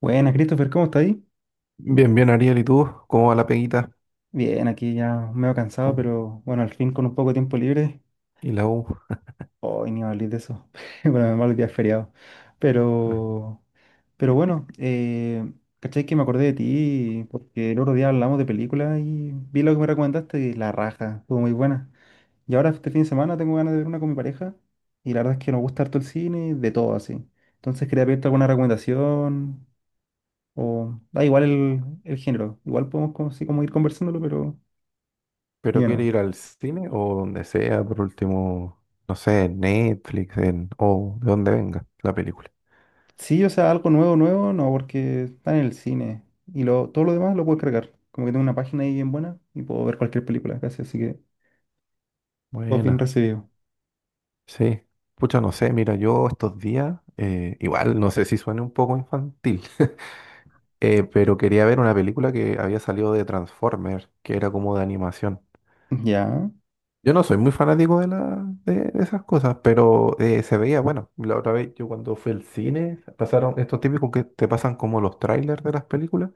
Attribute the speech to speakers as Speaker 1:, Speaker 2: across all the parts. Speaker 1: Buenas, Christopher, ¿cómo estás ahí?
Speaker 2: Bien, bien, Ariel, ¿y tú? ¿Cómo va la peguita?
Speaker 1: Bien, aquí ya medio cansado,
Speaker 2: ¿Cómo?
Speaker 1: pero bueno, al fin con un poco de tiempo libre.
Speaker 2: ¿Y la U?
Speaker 1: Hoy ni hablar de eso. Bueno, menos mal que es feriado.
Speaker 2: Ah,
Speaker 1: Pero, pero bueno, ¿cachai que me acordé de ti? Porque el otro día hablamos de películas y vi lo que me recomendaste y la raja, estuvo muy buena. Y ahora este fin de semana tengo ganas de ver una con mi pareja y la verdad es que nos gusta harto el cine, de todo así. Entonces quería pedirte alguna recomendación o da igual el género. Igual podemos como, así como ir conversándolo, pero...
Speaker 2: ¿pero
Speaker 1: Dime
Speaker 2: quiere
Speaker 1: nomás.
Speaker 2: ir al cine o donde sea, por último, no sé, en Netflix en, o de donde venga la película?
Speaker 1: Sí, o sea, algo nuevo, nuevo, no, porque está en el cine. Y todo lo demás lo puedo cargar. Como que tengo una página ahí bien buena y puedo ver cualquier película casi, así que todo bien
Speaker 2: Buena,
Speaker 1: recibido.
Speaker 2: sí. Pucha, no sé, mira, yo estos días, igual, no sé si suene un poco infantil, pero quería ver una película que había salido de Transformers, que era como de animación.
Speaker 1: Ya,
Speaker 2: Yo no soy muy fanático de esas cosas, pero se veía, bueno, la otra vez yo cuando fui al cine, pasaron estos típicos que te pasan como los trailers de las películas,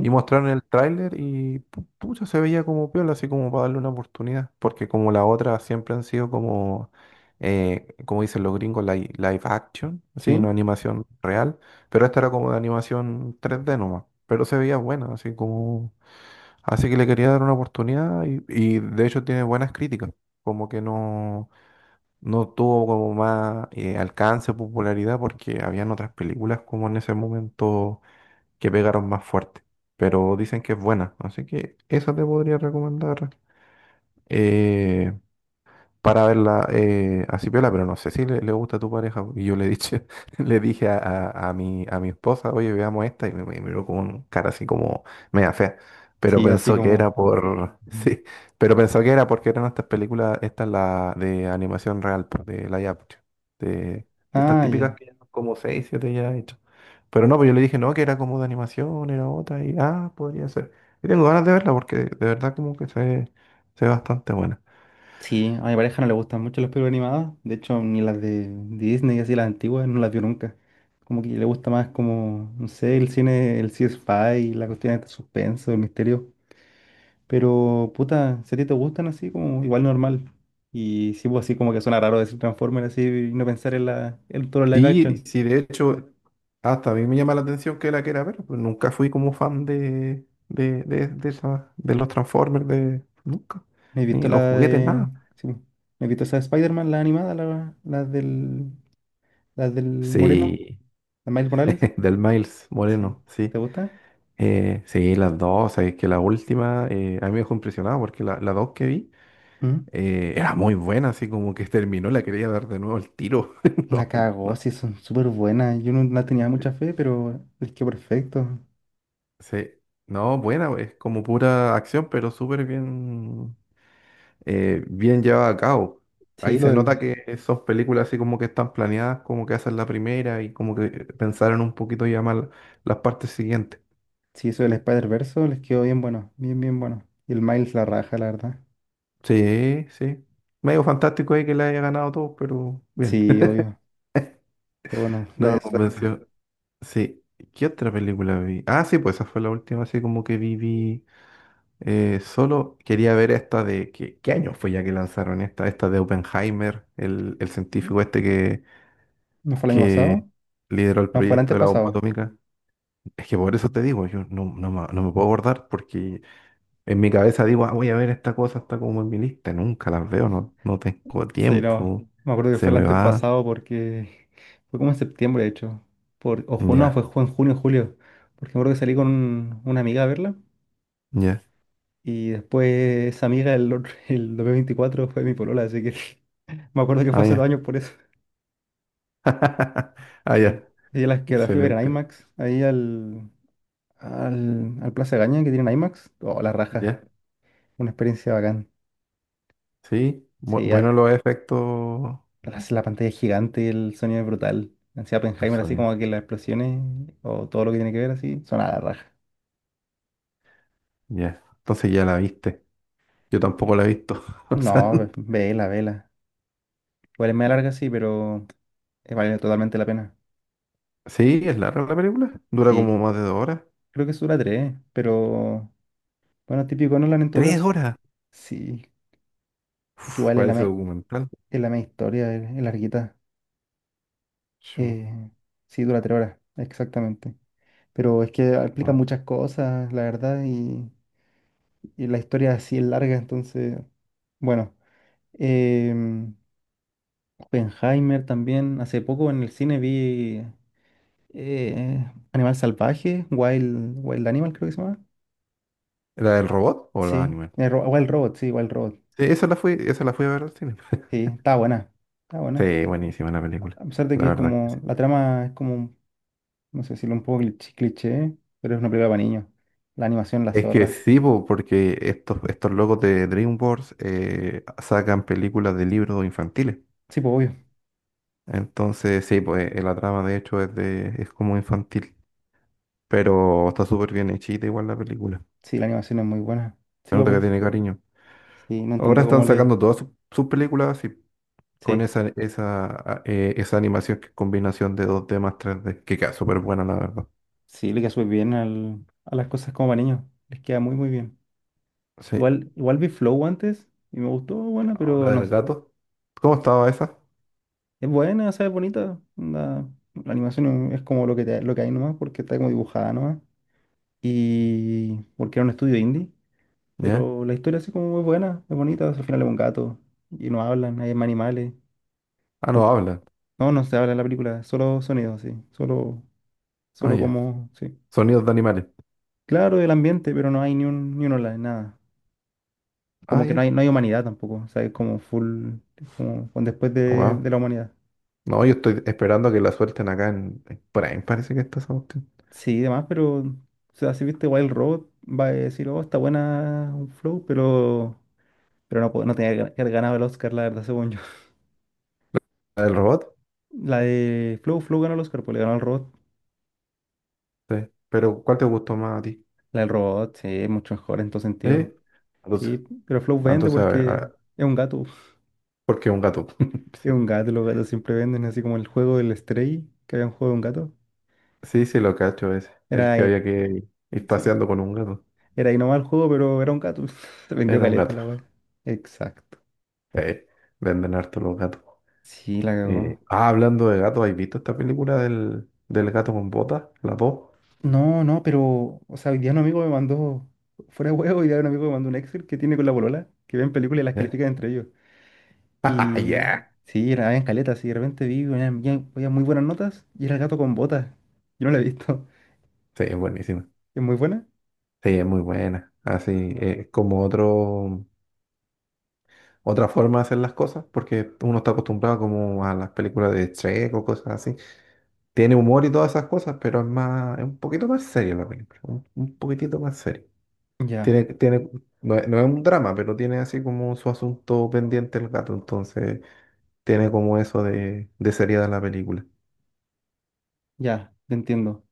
Speaker 2: y mostraron el tráiler y pucha, se veía como piola, así como para darle una oportunidad, porque como la otra siempre han sido como, como dicen los gringos, live action, así, no
Speaker 1: sí,
Speaker 2: animación real, pero esta era como de animación 3D nomás, pero se veía buena, así como... Así que le quería dar una oportunidad y de hecho tiene buenas críticas, como que no, no tuvo como más alcance, popularidad, porque habían otras películas como en ese momento que pegaron más fuerte, pero dicen que es buena, así que esa te podría recomendar. Eh, para verla así piola, pero no sé si le, le gusta a tu pareja. Y yo le dije, le dije a mi esposa, oye, veamos esta, y me miró con cara así como media fea. Pero
Speaker 1: sí, así
Speaker 2: pensó que era
Speaker 1: como.
Speaker 2: por.
Speaker 1: Ujú.
Speaker 2: Sí, pero pensó que era porque eran estas películas, esta es la de animación real, pues, de live action, de estas
Speaker 1: Ah,
Speaker 2: típicas
Speaker 1: ya.
Speaker 2: que ya como seis, siete ya hechas. Pero no, pues yo le dije, no, que era como de animación, era otra, y ah, podría ser. Y tengo ganas de verla porque de verdad como que se ve bastante buena.
Speaker 1: Sí, a mi pareja no le gustan mucho las películas animadas. De hecho, ni las de Disney, así las antiguas, no las vio nunca. Como que le gusta más como, no sé, el cine, el sci-fi, la cuestión de suspenso, el misterio. Pero, puta, si a ti te gustan así, como igual normal. Y sí, pues así como que suena raro decir Transformers así y no pensar en todo el live
Speaker 2: Sí,
Speaker 1: action.
Speaker 2: sí, de hecho, hasta a mí me llama la atención que la quiera ver, pero nunca fui como fan esa- de los Transformers, de, nunca,
Speaker 1: ¿Me he
Speaker 2: ni
Speaker 1: visto la
Speaker 2: los juguetes,
Speaker 1: de.
Speaker 2: nada.
Speaker 1: Sí, pues, ¿me he visto esa de Spider-Man, la animada, la del. La del Moreno,
Speaker 2: Sí,
Speaker 1: la Miles Morales?
Speaker 2: del Miles
Speaker 1: Sí.
Speaker 2: Moreno,
Speaker 1: ¿Te
Speaker 2: sí.
Speaker 1: gusta?
Speaker 2: Sí, las dos, es que la última a mí me dejó impresionado porque la dos que vi
Speaker 1: ¿Mm?
Speaker 2: era muy buena, así como que terminó, la quería dar de nuevo el tiro.
Speaker 1: La
Speaker 2: No,
Speaker 1: cagó,
Speaker 2: no,
Speaker 1: sí, son súper buenas. Yo no, la tenía mucha fe, pero les quedó perfecto.
Speaker 2: sí, no, buena, es como pura acción, pero súper bien, bien llevada a cabo. Ahí
Speaker 1: Sí, lo
Speaker 2: se
Speaker 1: del.
Speaker 2: nota que esas películas así como que están planeadas, como que esa la primera y como que pensaron un poquito ya más las partes siguientes.
Speaker 1: Sí, eso del Spider-Verse les quedó bien bueno, bien bueno. Y el Miles la raja, la verdad.
Speaker 2: Sí, sí. Medio fantástico ahí que le haya ganado todo, pero bien.
Speaker 1: Sí, obvio. Pero bueno,
Speaker 2: No
Speaker 1: da
Speaker 2: me
Speaker 1: eso.
Speaker 2: convenció. Sí. ¿Qué otra película vi? Ah, sí, pues esa fue la última así como que vi, solo quería ver esta de... ¿Qué, qué año fue ya que lanzaron esta? Esta de Oppenheimer, el
Speaker 1: ¿No
Speaker 2: científico este
Speaker 1: fue el año
Speaker 2: que
Speaker 1: pasado?
Speaker 2: lideró el
Speaker 1: No, fue el
Speaker 2: proyecto de la bomba
Speaker 1: antepasado.
Speaker 2: atómica. Es que por eso te digo, yo no, no, me no me puedo acordar porque en mi cabeza digo, ah, voy a ver esta cosa, está como en mi lista, nunca las veo, no, no tengo
Speaker 1: Sí, no.
Speaker 2: tiempo,
Speaker 1: Me acuerdo que
Speaker 2: se
Speaker 1: fue el
Speaker 2: me va,
Speaker 1: antepasado porque fue como en septiembre, de hecho. Por... no,
Speaker 2: ya,
Speaker 1: en junio, julio. Porque me acuerdo que salí con una amiga a verla.
Speaker 2: ya,
Speaker 1: Y después esa amiga, el 2024, fue mi polola. Así que me acuerdo que fue
Speaker 2: ah,
Speaker 1: hace
Speaker 2: ya,
Speaker 1: 2 años por eso.
Speaker 2: ah, ya,
Speaker 1: Sí. Y las que la fui a ver en
Speaker 2: excelente,
Speaker 1: IMAX, ahí al Plaza Gaña que tienen IMAX. Oh, la raja.
Speaker 2: ya,
Speaker 1: Una experiencia bacán.
Speaker 2: sí,
Speaker 1: Sí,
Speaker 2: bueno los efectos
Speaker 1: hace la pantalla es gigante y el sonido es brutal. Así
Speaker 2: del
Speaker 1: Oppenheimer, así
Speaker 2: sonido,
Speaker 1: como que las explosiones o todo lo que tiene que ver así, son a la raja.
Speaker 2: ya, entonces ya la viste, yo tampoco la he visto, o sea,
Speaker 1: No, vela, vela. Igual es media larga, sí, pero vale totalmente la pena.
Speaker 2: sí, es larga la película, dura como
Speaker 1: Sí,
Speaker 2: más de dos horas,
Speaker 1: creo que es dura tres, pero bueno, típico Nolan en todo
Speaker 2: tres
Speaker 1: caso.
Speaker 2: horas,
Speaker 1: Sí,
Speaker 2: uf,
Speaker 1: igual es la,
Speaker 2: parece
Speaker 1: me-
Speaker 2: documental,
Speaker 1: es la media historia, es larguita.
Speaker 2: Yo-
Speaker 1: Eh, sí, dura 3 horas, exactamente. Pero es que aplica
Speaker 2: wow.
Speaker 1: muchas cosas, la verdad, y la historia así es larga, entonces, bueno. Em, Oppenheimer también. Hace poco en el cine vi Animal Salvaje, Wild, Wild Animal creo que se llama.
Speaker 2: ¿La del robot o la
Speaker 1: Sí,
Speaker 2: animal?
Speaker 1: Wild Robot, sí, Wild Robot.
Speaker 2: Sí, esa la fui a ver al cine.
Speaker 1: Sí, está buena, está buena.
Speaker 2: Sí, buenísima la película.
Speaker 1: A pesar de que
Speaker 2: La
Speaker 1: es
Speaker 2: verdad que sí.
Speaker 1: como, la trama es como, no sé decirlo, un poco cliché, cliché, pero es una película para niños. La animación, la
Speaker 2: Es que
Speaker 1: zorra.
Speaker 2: sí, po, porque estos locos de DreamWorks sacan películas de libros infantiles.
Speaker 1: Sí, pues obvio.
Speaker 2: Entonces, sí, pues la trama de hecho es de, es como infantil. Pero está súper bien hechita igual la película.
Speaker 1: Sí, la animación es muy buena.
Speaker 2: Se
Speaker 1: Sí, pues,
Speaker 2: nota que
Speaker 1: pues,
Speaker 2: tiene cariño.
Speaker 1: sí, no
Speaker 2: Ahora
Speaker 1: entiendo
Speaker 2: están
Speaker 1: cómo le...
Speaker 2: sacando todas sus películas así, con
Speaker 1: Sí,
Speaker 2: esa animación que es combinación de dos d más 3D. Que queda súper buena, la verdad.
Speaker 1: sí, le queda súper bien a las cosas como para niños. Les queda muy, muy bien.
Speaker 2: Sí.
Speaker 1: Igual, igual vi Flow antes y me gustó, buena, pero
Speaker 2: Ahora
Speaker 1: no
Speaker 2: del
Speaker 1: s-
Speaker 2: gato. ¿Cómo estaba esa?
Speaker 1: es buena, ¿sabes? Bonita. Onda, la animación es como lo que, lo que hay nomás, porque está como dibujada nomás. Y porque era un estudio indie,
Speaker 2: ¿Ya?
Speaker 1: pero la historia así como muy buena, es bonita. Al final es un gato y no hablan, hay más animales.
Speaker 2: Ah, no
Speaker 1: Como que,
Speaker 2: hablan.
Speaker 1: no, no se habla en la película, solo sonidos, sí.
Speaker 2: Ah,
Speaker 1: Solo
Speaker 2: ya.
Speaker 1: como, sí.
Speaker 2: Sonidos de animales.
Speaker 1: Claro, el ambiente, pero no hay ni un hola, nada.
Speaker 2: Ah,
Speaker 1: Como que
Speaker 2: ya.
Speaker 1: no hay humanidad tampoco, o sea, es como full, como con después
Speaker 2: Oh, wow.
Speaker 1: de la humanidad.
Speaker 2: No, yo estoy esperando que la suelten acá en Prime, parece que está esa cuestión.
Speaker 1: Sí, y demás, pero, o sea, si viste Wild Road, va a decir, oh, está buena un Flow, pero, no tenía que que haber ganado el Oscar, la verdad, según yo.
Speaker 2: ¿La del robot?
Speaker 1: La de Flow, Flow ganó el Oscar, pues le ganó al Robot.
Speaker 2: Sí. Pero, ¿cuál te gustó más a ti?
Speaker 1: La del Robot, sí, es mucho mejor en todo sentido.
Speaker 2: Sí. Entonces,
Speaker 1: Sí, pero Flow
Speaker 2: ah,
Speaker 1: vende
Speaker 2: entonces a ver,
Speaker 1: porque
Speaker 2: ah,
Speaker 1: es un gato.
Speaker 2: porque es un gato.
Speaker 1: Es un gato, los gatos siempre venden, así como el juego del Stray, que había un juego de un gato.
Speaker 2: Sí, sí, sí, lo cacho ese.
Speaker 1: Era
Speaker 2: El que
Speaker 1: ahí,
Speaker 2: había que ir
Speaker 1: sí,
Speaker 2: paseando con un gato.
Speaker 1: era ahí nomás el juego, pero era un gato. Se vendió
Speaker 2: Era un
Speaker 1: caleta
Speaker 2: gato.
Speaker 1: la wea. Exacto.
Speaker 2: Sí. Venden harto los gatos.
Speaker 1: Sí, la cagó.
Speaker 2: Ah, hablando de gatos, ¿has visto esta película del gato con botas? La dos.
Speaker 1: No, no, pero, o sea, hoy día un amigo me mandó, fuera de huevo, hoy día un amigo me mandó un Excel que tiene con la polola, que ven películas y las
Speaker 2: Ya.
Speaker 1: califican entre ellos. Y
Speaker 2: Ya.
Speaker 1: sí, era en caleta, sí, de repente vi, había muy buenas notas y era el gato con botas. Yo no la he visto.
Speaker 2: Sí, es buenísima.
Speaker 1: ¿Es muy buena?
Speaker 2: Sí, es muy buena. Así, eh, como otro, otra forma de hacer las cosas, porque uno está acostumbrado como a las películas de Shrek o cosas así. Tiene humor y todas esas cosas, pero es más, es un poquito más seria la película, un poquitito más seria.
Speaker 1: Ya,
Speaker 2: Tiene, tiene, no, es no es un drama, pero tiene así como su asunto pendiente el gato, entonces tiene como eso de seriedad la película.
Speaker 1: ya, te entiendo.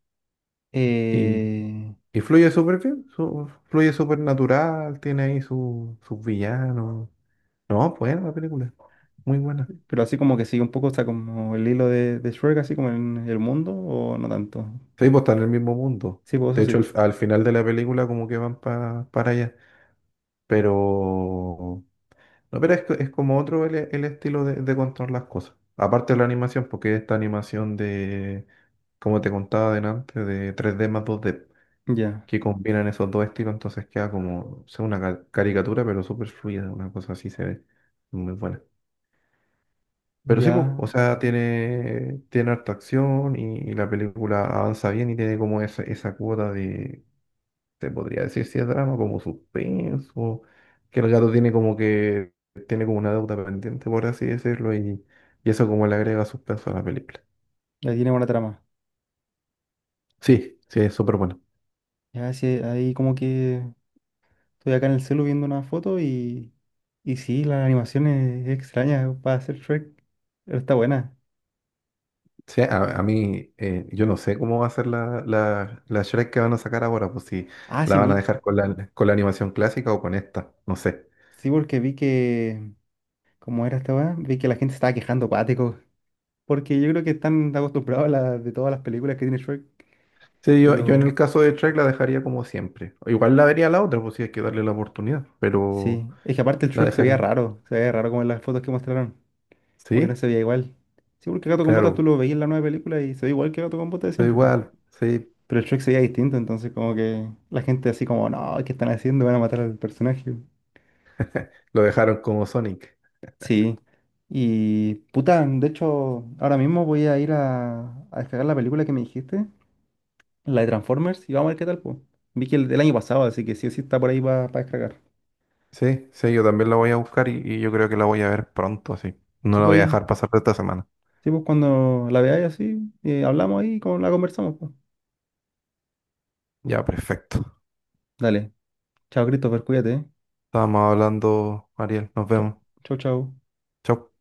Speaker 2: Y,
Speaker 1: Eh,
Speaker 2: y fluye súper bien, fluye súper natural, tiene ahí sus villanos. No, buena la película. Muy buena.
Speaker 1: pero así como que sigue un poco, o sea, como el hilo de Shrek, así como en el mundo, o no tanto.
Speaker 2: Sí, pues están en el mismo mundo.
Speaker 1: Sí, pues
Speaker 2: De
Speaker 1: eso
Speaker 2: hecho,
Speaker 1: sí.
Speaker 2: al final de la película como que van para allá. Pero... No, pero es, es como otro el estilo de contar las cosas. Aparte de la animación, porque esta animación de, como te contaba delante, de tres d más dos d
Speaker 1: Ya,
Speaker 2: que combinan esos dos estilos, entonces queda como, o sea, una caricatura, pero súper fluida, una cosa así se ve. Muy buena. Pero sí, po, o
Speaker 1: ya,
Speaker 2: sea, tiene, tiene harta acción y la película avanza bien y tiene como esa cuota de, te podría decir si es drama, como suspenso, que el gato tiene como que, tiene como una deuda pendiente, por así decirlo, y eso como le agrega suspenso a la película.
Speaker 1: ya tiene buena trama.
Speaker 2: Sí, sí, es súper bueno.
Speaker 1: Ya, sí, ahí como que. Estoy acá en el celu viendo una foto y sí, la animación es extraña para hacer Shrek, pero está buena.
Speaker 2: Sí, a mí, yo no sé cómo va a ser la Shrek que van a sacar ahora, pues si
Speaker 1: Ah,
Speaker 2: la
Speaker 1: sí,
Speaker 2: van a
Speaker 1: vi,
Speaker 2: dejar con la animación clásica o con esta, no sé.
Speaker 1: sí, porque ¿como era esta weá? Vi que la gente estaba quejando cuático, porque yo creo que están acostumbrados a la, de todas las películas que tiene Shrek,
Speaker 2: Sí, yo en el
Speaker 1: pero
Speaker 2: caso de Trek la dejaría como siempre. O igual la vería la otra, pues si hay que darle la oportunidad, pero
Speaker 1: sí, es que aparte el
Speaker 2: la
Speaker 1: Shrek
Speaker 2: dejaría.
Speaker 1: se veía raro como en las fotos que mostraron, como que no
Speaker 2: Sí,
Speaker 1: se veía igual. Sí, porque Gato con Botas tú
Speaker 2: claro,
Speaker 1: lo veías en la nueva película y se ve igual que Gato con Botas de
Speaker 2: da
Speaker 1: siempre, po.
Speaker 2: igual, sí,
Speaker 1: Pero el Shrek se veía distinto, entonces como que la gente así como, no, ¿qué están haciendo? Van a matar al personaje.
Speaker 2: lo dejaron como Sonic.
Speaker 1: Sí, y puta, de hecho, ahora mismo voy a a descargar la película que me dijiste, la de Transformers, y vamos a ver qué tal, pues. Vi que el del año pasado, así que sí o sí está por ahí para descargar.
Speaker 2: Sí, sí, yo también la voy a buscar y yo creo que la voy a ver pronto, así. No la voy a
Speaker 1: Sí,
Speaker 2: dejar pasar de esta semana.
Speaker 1: pues cuando la veáis así, hablamos ahí y la conversamos, pues.
Speaker 2: Ya, perfecto.
Speaker 1: Dale, chao, Christopher, cuídate.
Speaker 2: Estábamos hablando, Ariel, nos
Speaker 1: Chao,
Speaker 2: vemos.
Speaker 1: chao, chao.
Speaker 2: Chau.